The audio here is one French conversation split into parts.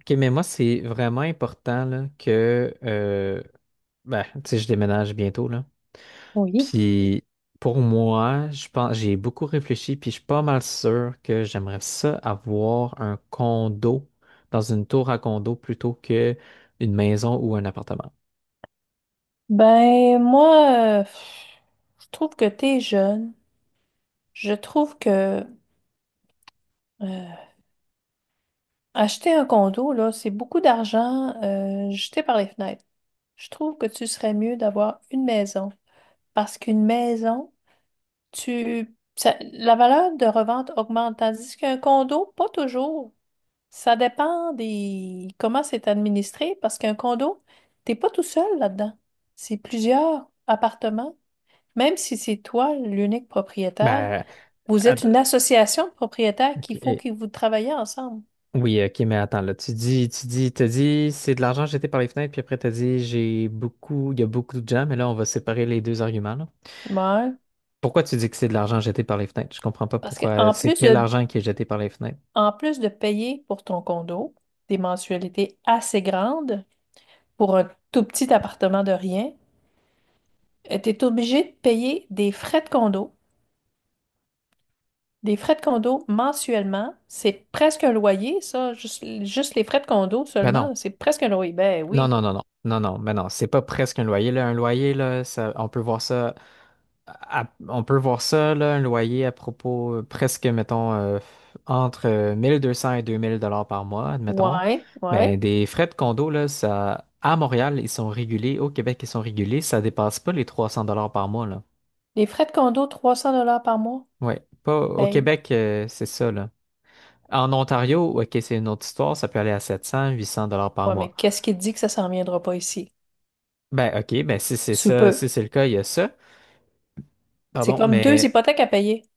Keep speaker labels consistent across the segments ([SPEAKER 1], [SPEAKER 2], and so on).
[SPEAKER 1] OK, mais moi, c'est vraiment important là, que ben, tu sais, je déménage bientôt, là.
[SPEAKER 2] Oui.
[SPEAKER 1] Puis pour moi, je pense j'ai beaucoup réfléchi, puis je suis pas mal sûr que j'aimerais ça avoir un condo dans une tour à condo plutôt que une maison ou un appartement.
[SPEAKER 2] Ben, moi, je trouve que t'es jeune. Je trouve que euh, acheter un condo, là, c'est beaucoup d'argent jeté par les fenêtres. Je trouve que tu serais mieux d'avoir une maison. Parce qu'une maison, la valeur de revente augmente, tandis qu'un condo, pas toujours. Ça dépend des comment c'est administré, parce qu'un condo, t'es pas tout seul là-dedans. C'est plusieurs appartements. Même si c'est toi l'unique propriétaire,
[SPEAKER 1] Ben,
[SPEAKER 2] vous êtes
[SPEAKER 1] att-
[SPEAKER 2] une association de propriétaires
[SPEAKER 1] ok,
[SPEAKER 2] qu'il faut que vous travaillez ensemble.
[SPEAKER 1] oui, ok, mais attends, là, tu dis, t'as dit, c'est de l'argent jeté par les fenêtres, puis après, t'as dit, j'ai beaucoup, il y a beaucoup de gens, mais là, on va séparer les deux arguments, là.
[SPEAKER 2] Ouais.
[SPEAKER 1] Pourquoi tu dis que c'est de l'argent jeté par les fenêtres? Je comprends pas
[SPEAKER 2] Parce
[SPEAKER 1] pourquoi.
[SPEAKER 2] qu'en
[SPEAKER 1] C'est
[SPEAKER 2] plus
[SPEAKER 1] quel
[SPEAKER 2] de,
[SPEAKER 1] argent qui est jeté par les fenêtres?
[SPEAKER 2] en plus de payer pour ton condo, des mensualités assez grandes pour un tout petit appartement de rien, tu es obligé de payer des frais de condo. Des frais de condo mensuellement, c'est presque un loyer, ça. Juste les frais de condo
[SPEAKER 1] Ben
[SPEAKER 2] seulement,
[SPEAKER 1] non.
[SPEAKER 2] là, c'est presque un loyer. Ben
[SPEAKER 1] Non,
[SPEAKER 2] oui.
[SPEAKER 1] non, non, non. Non, non, ben non. C'est pas presque un loyer, là. Un loyer, là, ça, on peut voir ça. On peut voir ça, là, un loyer à propos presque, mettons, entre 1200 et 2 000 $ par mois, admettons.
[SPEAKER 2] Ouais,
[SPEAKER 1] Ben,
[SPEAKER 2] ouais.
[SPEAKER 1] des frais de condo, là, ça, à Montréal, ils sont régulés. Au Québec, ils sont régulés. Ça dépasse pas les 300 $ par mois, là.
[SPEAKER 2] Les frais de condo, 300 $ par mois.
[SPEAKER 1] Ouais. Pas, au
[SPEAKER 2] Hey,
[SPEAKER 1] Québec, c'est ça, là. En Ontario, ok, c'est une autre histoire, ça peut aller à 700, 800 $ par
[SPEAKER 2] ouais, mais
[SPEAKER 1] mois.
[SPEAKER 2] qu'est-ce qui te dit que ça s'en viendra pas ici?
[SPEAKER 1] Ben, ok, ben si c'est
[SPEAKER 2] Sous
[SPEAKER 1] ça,
[SPEAKER 2] peu.
[SPEAKER 1] si c'est le cas, il y a ça.
[SPEAKER 2] C'est
[SPEAKER 1] Pardon,
[SPEAKER 2] comme deux
[SPEAKER 1] mais,
[SPEAKER 2] hypothèques à payer.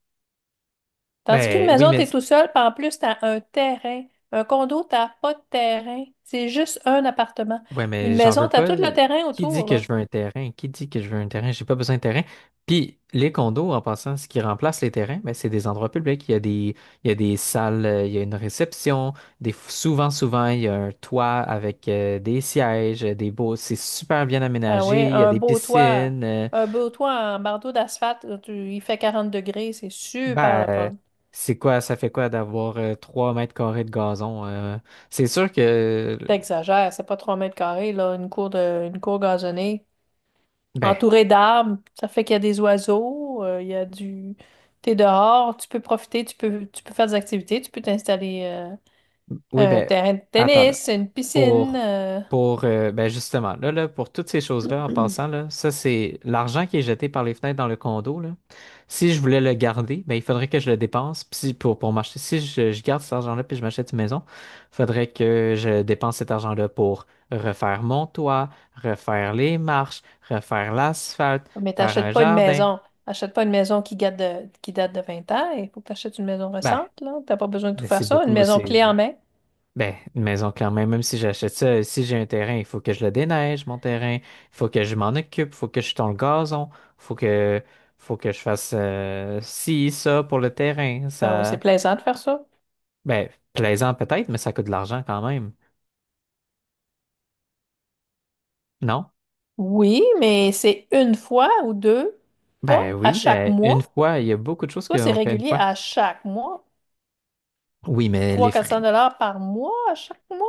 [SPEAKER 2] Tandis qu'une
[SPEAKER 1] ben oui,
[SPEAKER 2] maison,
[SPEAKER 1] mais,
[SPEAKER 2] t'es tout seul, puis en plus, t'as un terrain. Un condo, t'as pas de terrain. C'est juste un appartement.
[SPEAKER 1] ouais,
[SPEAKER 2] Une
[SPEAKER 1] mais j'en
[SPEAKER 2] maison,
[SPEAKER 1] veux
[SPEAKER 2] t'as
[SPEAKER 1] pas.
[SPEAKER 2] tout le terrain
[SPEAKER 1] Qui
[SPEAKER 2] autour,
[SPEAKER 1] dit que je
[SPEAKER 2] là.
[SPEAKER 1] veux un terrain? Qui dit que je veux un terrain? J'ai pas besoin de terrain. Puis, les condos, en passant, ce qui remplace les terrains, ben, c'est des endroits publics. Il y a des salles, il y a une réception. Souvent, souvent, il y a un toit avec des sièges, des beaux, c'est super bien
[SPEAKER 2] Ah oui,
[SPEAKER 1] aménagé. Il y a
[SPEAKER 2] un
[SPEAKER 1] des
[SPEAKER 2] beau toit.
[SPEAKER 1] piscines.
[SPEAKER 2] Un beau toit en bardeau d'asphalte, là, il fait 40 degrés, c'est super
[SPEAKER 1] Ben,
[SPEAKER 2] le fun.
[SPEAKER 1] c'est quoi, ça fait quoi d'avoir 3 mètres carrés de gazon? C'est sûr que,
[SPEAKER 2] T'exagères, c'est pas 3 mètres carrés, là, une cour de, une cour gazonnée.
[SPEAKER 1] ben,
[SPEAKER 2] Entouré d'arbres, ça fait qu'il y a des oiseaux, il y a du. T'es dehors, tu peux profiter, tu peux faire des activités, tu peux t'installer
[SPEAKER 1] oui,
[SPEAKER 2] un
[SPEAKER 1] ben,
[SPEAKER 2] terrain de
[SPEAKER 1] attends là.
[SPEAKER 2] tennis, une piscine,
[SPEAKER 1] Pour, pour ben justement, là, pour toutes ces choses-là, en passant, là, ça, c'est l'argent qui est jeté par les fenêtres dans le condo, là. Si je voulais le garder, ben, il faudrait que je le dépense. Puis pour m'acheter, si je garde cet argent-là puis je m'achète une maison, il faudrait que je dépense cet argent-là pour refaire mon toit, refaire les marches, refaire l'asphalte,
[SPEAKER 2] mais
[SPEAKER 1] faire un
[SPEAKER 2] t'achètes pas une
[SPEAKER 1] jardin.
[SPEAKER 2] maison. Achète pas une maison qui date de 20 ans. Il faut que t'achètes une maison
[SPEAKER 1] Ben,
[SPEAKER 2] récente, là. T'as pas besoin de tout
[SPEAKER 1] mais
[SPEAKER 2] faire
[SPEAKER 1] c'est
[SPEAKER 2] ça. Une
[SPEAKER 1] beaucoup,
[SPEAKER 2] maison
[SPEAKER 1] c'est.
[SPEAKER 2] clé en main.
[SPEAKER 1] Ben, une maison, clairement, même si j'achète ça, si j'ai un terrain, il faut que je le déneige, mon terrain, il faut que je m'en occupe, il faut que je tond le gazon, il faut que je fasse ci, ça pour le terrain.
[SPEAKER 2] Ben oui, c'est
[SPEAKER 1] Ça,
[SPEAKER 2] plaisant de faire ça.
[SPEAKER 1] ben, plaisant peut-être, mais ça coûte de l'argent quand même. Non?
[SPEAKER 2] Oui, mais c'est une fois ou deux,
[SPEAKER 1] Ben
[SPEAKER 2] pas à
[SPEAKER 1] oui,
[SPEAKER 2] chaque
[SPEAKER 1] ben, une
[SPEAKER 2] mois.
[SPEAKER 1] fois, il y a beaucoup de choses
[SPEAKER 2] Toi, c'est
[SPEAKER 1] qu'on fait une
[SPEAKER 2] régulier
[SPEAKER 1] fois.
[SPEAKER 2] à chaque mois.
[SPEAKER 1] Oui, mais
[SPEAKER 2] trois
[SPEAKER 1] les
[SPEAKER 2] cents quatre
[SPEAKER 1] frais.
[SPEAKER 2] cents dollars par mois, à chaque mois.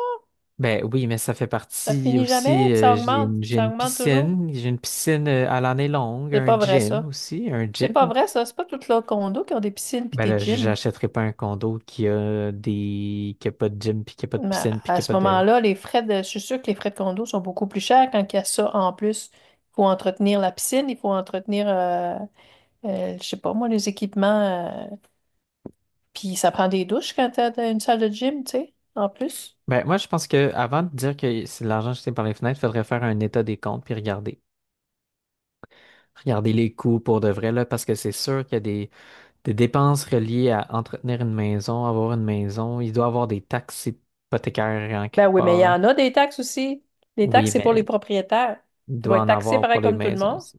[SPEAKER 1] Ben oui, mais ça fait
[SPEAKER 2] Ça
[SPEAKER 1] partie
[SPEAKER 2] finit jamais,
[SPEAKER 1] aussi.
[SPEAKER 2] puis ça
[SPEAKER 1] euh,
[SPEAKER 2] augmente. Ça augmente toujours.
[SPEAKER 1] J'ai une piscine à l'année longue,
[SPEAKER 2] C'est
[SPEAKER 1] un
[SPEAKER 2] pas vrai,
[SPEAKER 1] gym
[SPEAKER 2] ça.
[SPEAKER 1] aussi, un
[SPEAKER 2] C'est pas
[SPEAKER 1] gym.
[SPEAKER 2] vrai, ça. C'est pas toutes leurs condos qui ont des piscines puis
[SPEAKER 1] Ben
[SPEAKER 2] des
[SPEAKER 1] là,
[SPEAKER 2] gyms.
[SPEAKER 1] j'achèterai pas un condo qui a pas de gym, puis qui a pas de
[SPEAKER 2] Mais
[SPEAKER 1] piscine, puis qui
[SPEAKER 2] à
[SPEAKER 1] a pas
[SPEAKER 2] ce
[SPEAKER 1] de.
[SPEAKER 2] moment-là, les frais de, je suis sûre que les frais de condo sont beaucoup plus chers quand il y a ça en plus. Il faut entretenir la piscine, il faut entretenir, je sais pas moi, les équipements. euh, Puis ça prend des douches quand t'as une salle de gym, tu sais, en plus.
[SPEAKER 1] Ben moi, je pense que avant de dire que c'est de l'argent jeté par les fenêtres, il faudrait faire un état des comptes puis regarder. Regarder les coûts pour de vrai, là, parce que c'est sûr qu'il y a des dépenses reliées à entretenir une maison, avoir une maison. Il doit avoir des taxes hypothécaires en
[SPEAKER 2] Ben
[SPEAKER 1] quelque
[SPEAKER 2] oui, mais il
[SPEAKER 1] part.
[SPEAKER 2] y
[SPEAKER 1] Hein.
[SPEAKER 2] en a des taxes aussi. Les
[SPEAKER 1] Oui,
[SPEAKER 2] taxes, c'est pour les
[SPEAKER 1] mais
[SPEAKER 2] propriétaires.
[SPEAKER 1] il
[SPEAKER 2] Tu vas
[SPEAKER 1] doit
[SPEAKER 2] être
[SPEAKER 1] en
[SPEAKER 2] taxé
[SPEAKER 1] avoir
[SPEAKER 2] pareil
[SPEAKER 1] pour les
[SPEAKER 2] comme tout le
[SPEAKER 1] maisons
[SPEAKER 2] monde.
[SPEAKER 1] aussi.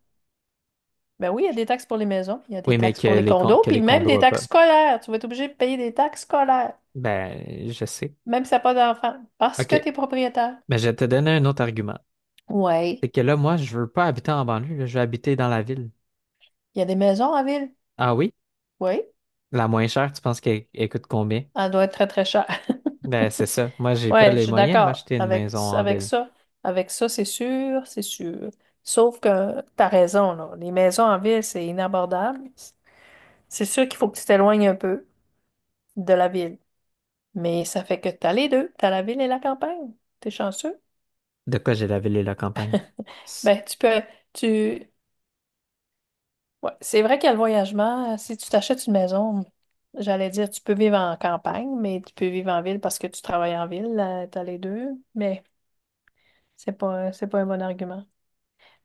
[SPEAKER 2] Ben oui, il y a des taxes pour les maisons, il y a des
[SPEAKER 1] Oui, mais
[SPEAKER 2] taxes pour les condos,
[SPEAKER 1] que
[SPEAKER 2] puis
[SPEAKER 1] les
[SPEAKER 2] même
[SPEAKER 1] condos
[SPEAKER 2] des
[SPEAKER 1] n'ont pas.
[SPEAKER 2] taxes scolaires. Tu vas être obligé de payer des taxes scolaires,
[SPEAKER 1] Ben, je sais.
[SPEAKER 2] même si t'as pas d'enfant, parce que
[SPEAKER 1] OK.
[SPEAKER 2] tu es propriétaire.
[SPEAKER 1] Ben, je vais te donner un autre argument.
[SPEAKER 2] Oui,
[SPEAKER 1] C'est que là, moi, je veux pas habiter en banlieue, là, je veux habiter dans la ville.
[SPEAKER 2] il y a des maisons en ville.
[SPEAKER 1] Ah oui?
[SPEAKER 2] Oui,
[SPEAKER 1] La moins chère, tu penses qu'elle elle coûte combien?
[SPEAKER 2] elle doit être très, très chère.
[SPEAKER 1] Ben, c'est ça. Moi, j'ai pas
[SPEAKER 2] Oui, je
[SPEAKER 1] les
[SPEAKER 2] suis
[SPEAKER 1] moyens de
[SPEAKER 2] d'accord
[SPEAKER 1] m'acheter une
[SPEAKER 2] avec,
[SPEAKER 1] maison en
[SPEAKER 2] avec
[SPEAKER 1] ville.
[SPEAKER 2] ça. Avec ça, c'est sûr, c'est sûr. Sauf que tu as raison, là. Les maisons en ville, c'est inabordable. C'est sûr qu'il faut que tu t'éloignes un peu de la ville. Mais ça fait que tu as les deux. Tu as la ville et la campagne. T'es chanceux.
[SPEAKER 1] De quoi j'ai la ville et la campagne? S-
[SPEAKER 2] Ben, tu peux, tu, ouais, c'est vrai qu'il y a le voyagement. Si tu t'achètes une maison, j'allais dire, tu peux vivre en campagne, mais tu peux vivre en ville parce que tu travailles en ville, là, t'as les deux. Mais c'est pas un bon argument.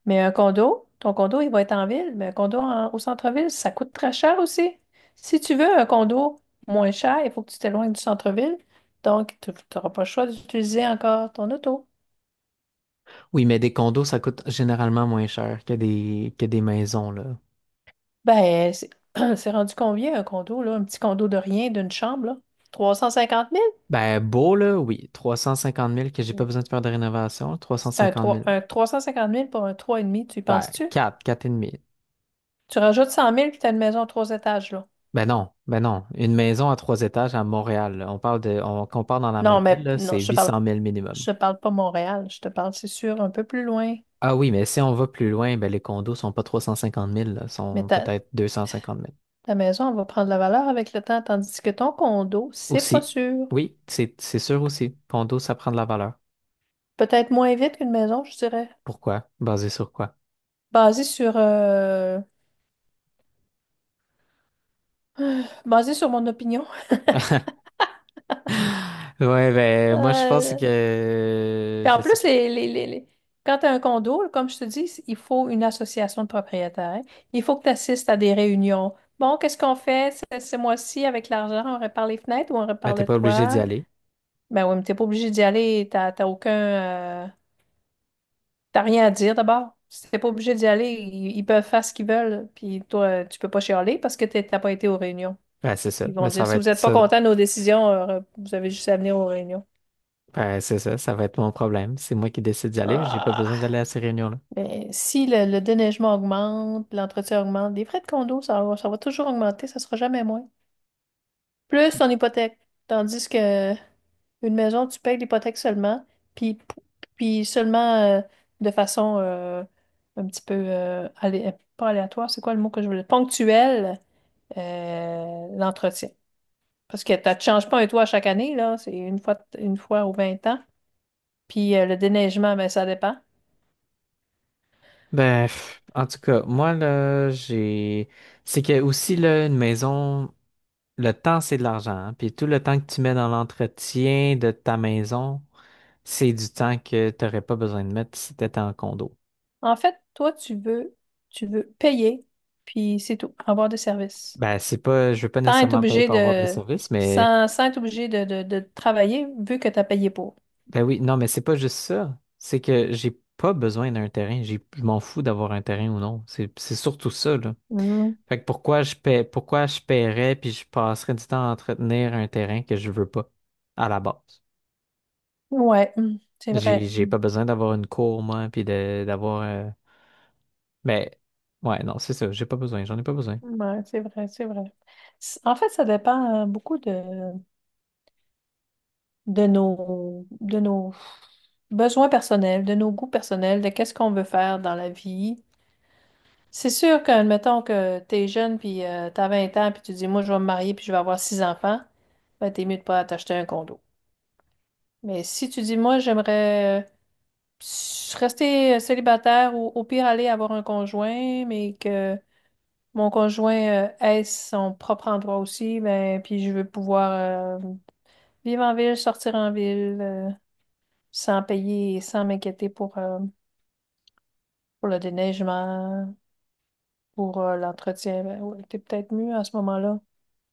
[SPEAKER 2] Mais un condo, ton condo, il va être en ville, mais au centre-ville, ça coûte très cher aussi. Si tu veux un condo moins cher, il faut que tu t'éloignes du centre-ville. Donc, tu n'auras pas le choix d'utiliser encore ton auto.
[SPEAKER 1] Oui, mais des condos, ça coûte généralement moins cher que des maisons, là.
[SPEAKER 2] Ben, c'est c'est rendu combien un condo, là? Un petit condo de rien, d'une chambre, là? trois cent cinquante
[SPEAKER 1] Ben, beau, là, oui. 350 000 que j'ai pas
[SPEAKER 2] mille.
[SPEAKER 1] besoin de faire de rénovation. trois cent cinquante mille
[SPEAKER 2] Un trois cent cinquante mille pour un trois et demi, tu y
[SPEAKER 1] Ben,
[SPEAKER 2] penses-tu?
[SPEAKER 1] 4 4 et demi.
[SPEAKER 2] Tu rajoutes 100 000, puis t'as une maison à trois étages, là.
[SPEAKER 1] Ben non, ben non. Une maison à trois étages à Montréal, là, on compare dans la même
[SPEAKER 2] Non,
[SPEAKER 1] ville,
[SPEAKER 2] mais
[SPEAKER 1] là, c'est
[SPEAKER 2] non,
[SPEAKER 1] huit cent mille
[SPEAKER 2] je
[SPEAKER 1] minimum.
[SPEAKER 2] te parle pas Montréal. Je te parle, c'est sûr, un peu plus loin.
[SPEAKER 1] Ah oui, mais si on va plus loin, ben les condos sont pas 350 000, là,
[SPEAKER 2] Mais
[SPEAKER 1] sont
[SPEAKER 2] ta,
[SPEAKER 1] peut-être 250 000
[SPEAKER 2] ta maison, elle va prendre la valeur avec le temps, tandis que ton condo, c'est pas
[SPEAKER 1] Aussi.
[SPEAKER 2] sûr.
[SPEAKER 1] Oui, c'est sûr aussi. Condo, ça prend de la valeur.
[SPEAKER 2] Peut-être moins vite qu'une maison, je dirais.
[SPEAKER 1] Pourquoi? Basé sur quoi?
[SPEAKER 2] Basé sur, euh, basé sur mon opinion.
[SPEAKER 1] Ouais, ben moi je pense
[SPEAKER 2] Euh,
[SPEAKER 1] que
[SPEAKER 2] Puis
[SPEAKER 1] je
[SPEAKER 2] en
[SPEAKER 1] sais
[SPEAKER 2] plus,
[SPEAKER 1] pas.
[SPEAKER 2] quand tu as un condo, comme je te dis, il faut une association de propriétaires. Il faut que tu assistes à des réunions. Bon, qu'est-ce qu'on fait ce mois-ci avec l'argent? On répare les fenêtres ou on
[SPEAKER 1] Ben
[SPEAKER 2] répare
[SPEAKER 1] t'es
[SPEAKER 2] le
[SPEAKER 1] pas obligé d'y
[SPEAKER 2] toit?
[SPEAKER 1] aller.
[SPEAKER 2] Ben oui, mais t'es pas obligé d'y aller. T'as aucun, euh, t'as rien à dire d'abord. Si t'es pas obligé d'y aller, ils peuvent faire ce qu'ils veulent. Puis toi, tu peux pas chialer parce que t'as pas été aux réunions.
[SPEAKER 1] Ben c'est ça.
[SPEAKER 2] Ils
[SPEAKER 1] Mais
[SPEAKER 2] vont
[SPEAKER 1] ça
[SPEAKER 2] dire,
[SPEAKER 1] va
[SPEAKER 2] si vous
[SPEAKER 1] être
[SPEAKER 2] n'êtes pas
[SPEAKER 1] ça.
[SPEAKER 2] content de nos décisions, vous avez juste à venir aux réunions.
[SPEAKER 1] Ben c'est ça, ça va être mon problème. C'est moi qui décide d'y aller, mais j'ai pas besoin
[SPEAKER 2] Ah!
[SPEAKER 1] d'aller à ces réunions-là.
[SPEAKER 2] Ben, si le déneigement augmente, l'entretien augmente, les frais de condo, ça, ça va toujours augmenter, ça sera jamais moins. Plus ton hypothèque. Tandis que une maison, tu payes l'hypothèque seulement, puis, puis seulement de façon un petit peu pas aléatoire, c'est quoi le mot que je voulais? Ponctuel, l'entretien. Parce que tu ne changes pas un toit chaque année, là, c'est une fois ou 20 ans. Puis le déneigement, ben, ça dépend.
[SPEAKER 1] Ben pff, en tout cas, moi là, j'ai. C'est que aussi là, une maison. Le temps, c'est de l'argent. Hein. Puis tout le temps que tu mets dans l'entretien de ta maison, c'est du temps que tu n'aurais pas besoin de mettre si tu étais en condo.
[SPEAKER 2] En fait, toi, tu veux, payer, puis c'est tout, avoir des services.
[SPEAKER 1] Ben, c'est pas, je veux pas
[SPEAKER 2] Sans être
[SPEAKER 1] nécessairement payer
[SPEAKER 2] obligé
[SPEAKER 1] pour avoir des
[SPEAKER 2] de,
[SPEAKER 1] services, mais
[SPEAKER 2] sans être obligé de travailler, vu que tu as payé pour.
[SPEAKER 1] ben oui, non, mais c'est pas juste ça. C'est que j'ai pas besoin d'un terrain. Je m'en fous d'avoir un terrain ou non. C'est surtout ça, là.
[SPEAKER 2] Mm.
[SPEAKER 1] Fait que pourquoi je paierais puis je passerais du temps à entretenir un terrain que je veux pas à la base.
[SPEAKER 2] Ouais, c'est
[SPEAKER 1] J'ai,
[SPEAKER 2] vrai.
[SPEAKER 1] j'ai
[SPEAKER 2] Mm.
[SPEAKER 1] pas besoin d'avoir une cour, moi, puis d'avoir Mais ouais, non, c'est ça, j'ai pas besoin, j'en ai pas besoin.
[SPEAKER 2] Ouais, c'est vrai, c'est vrai. En fait, ça dépend beaucoup de, de nos besoins personnels, de nos goûts personnels, de qu'est-ce qu'on veut faire dans la vie. C'est sûr que, admettons que t'es jeune, puis t'as 20 ans, puis tu dis, moi, je vais me marier, puis je vais avoir six enfants, ben, t'es mieux de pas t'acheter un condo. Mais si tu dis, moi, j'aimerais rester célibataire ou au pire aller avoir un conjoint, mais que mon conjoint ait son propre endroit aussi, ben, puis je veux pouvoir vivre en ville, sortir en ville. Sans payer, sans m'inquiéter pour le déneigement, pour l'entretien. Ben ouais, t'es peut-être mieux à ce moment-là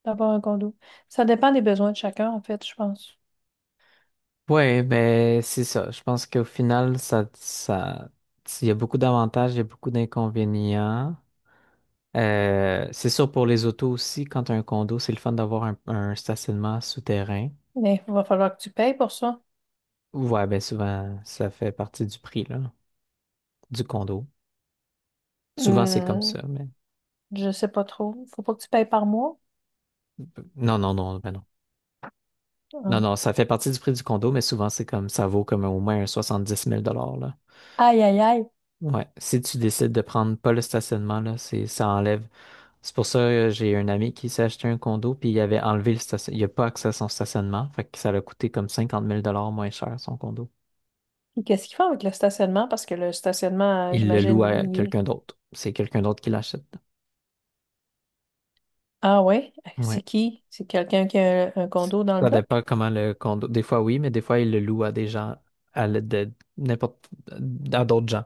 [SPEAKER 2] d'avoir un condo. Ça dépend des besoins de chacun, en fait, je pense.
[SPEAKER 1] Ouais, ben c'est ça. Je pense qu'au final, ça, il y a beaucoup d'avantages, il y a beaucoup d'inconvénients. C'est sûr pour les autos aussi, quand t'as un condo, c'est le fun d'avoir un stationnement souterrain.
[SPEAKER 2] Mais il va falloir que tu payes pour ça.
[SPEAKER 1] Ouais, ben souvent, ça fait partie du prix, là, du condo. Souvent, c'est comme
[SPEAKER 2] Hmm,
[SPEAKER 1] ça, mais
[SPEAKER 2] je sais pas trop. Faut pas que tu payes par mois.
[SPEAKER 1] non, non, non, ben non. Non,
[SPEAKER 2] Hein.
[SPEAKER 1] non, ça fait partie du prix du condo, mais souvent c'est comme ça vaut comme au moins un 70 000 $ là.
[SPEAKER 2] Aïe, aïe, aïe.
[SPEAKER 1] Ouais. Si tu décides de prendre pas le stationnement, là, ça enlève. C'est pour ça que j'ai un ami qui s'est acheté un condo, puis il avait enlevé le stationnement. Il a pas accès à son stationnement, fait que ça l'a coûté comme 50 000 $ moins cher son condo.
[SPEAKER 2] Et qu'est-ce qu'ils font avec le stationnement? Parce que le stationnement,
[SPEAKER 1] Il le loue
[SPEAKER 2] j'imagine,
[SPEAKER 1] à
[SPEAKER 2] il est.
[SPEAKER 1] quelqu'un d'autre. C'est quelqu'un d'autre qui l'achète.
[SPEAKER 2] Ah ouais?
[SPEAKER 1] Ouais.
[SPEAKER 2] C'est qui? C'est quelqu'un qui a un condo dans le
[SPEAKER 1] Ça
[SPEAKER 2] bloc?
[SPEAKER 1] dépend comment le condo. Des fois oui, mais des fois il le loue à des gens, à l'aide de n'importe, à d'autres gens.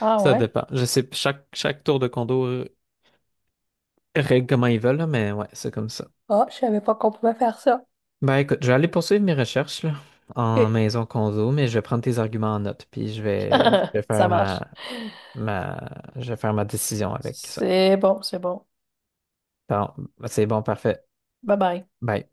[SPEAKER 2] Ah
[SPEAKER 1] Ça
[SPEAKER 2] ouais?
[SPEAKER 1] dépend. Je sais, chaque tour de condo règlent comment ils veulent, là, mais ouais, c'est comme ça.
[SPEAKER 2] Ah, je savais pas qu'on pouvait faire ça.
[SPEAKER 1] Ben écoute, je vais aller poursuivre mes recherches là, en
[SPEAKER 2] Ok.
[SPEAKER 1] maison condo, mais je vais prendre tes arguments en note, puis
[SPEAKER 2] Ça marche.
[SPEAKER 1] ma, je vais faire ma décision avec ça.
[SPEAKER 2] C'est bon, c'est bon.
[SPEAKER 1] Bon, c'est bon, parfait.
[SPEAKER 2] Bye bye.
[SPEAKER 1] Bye.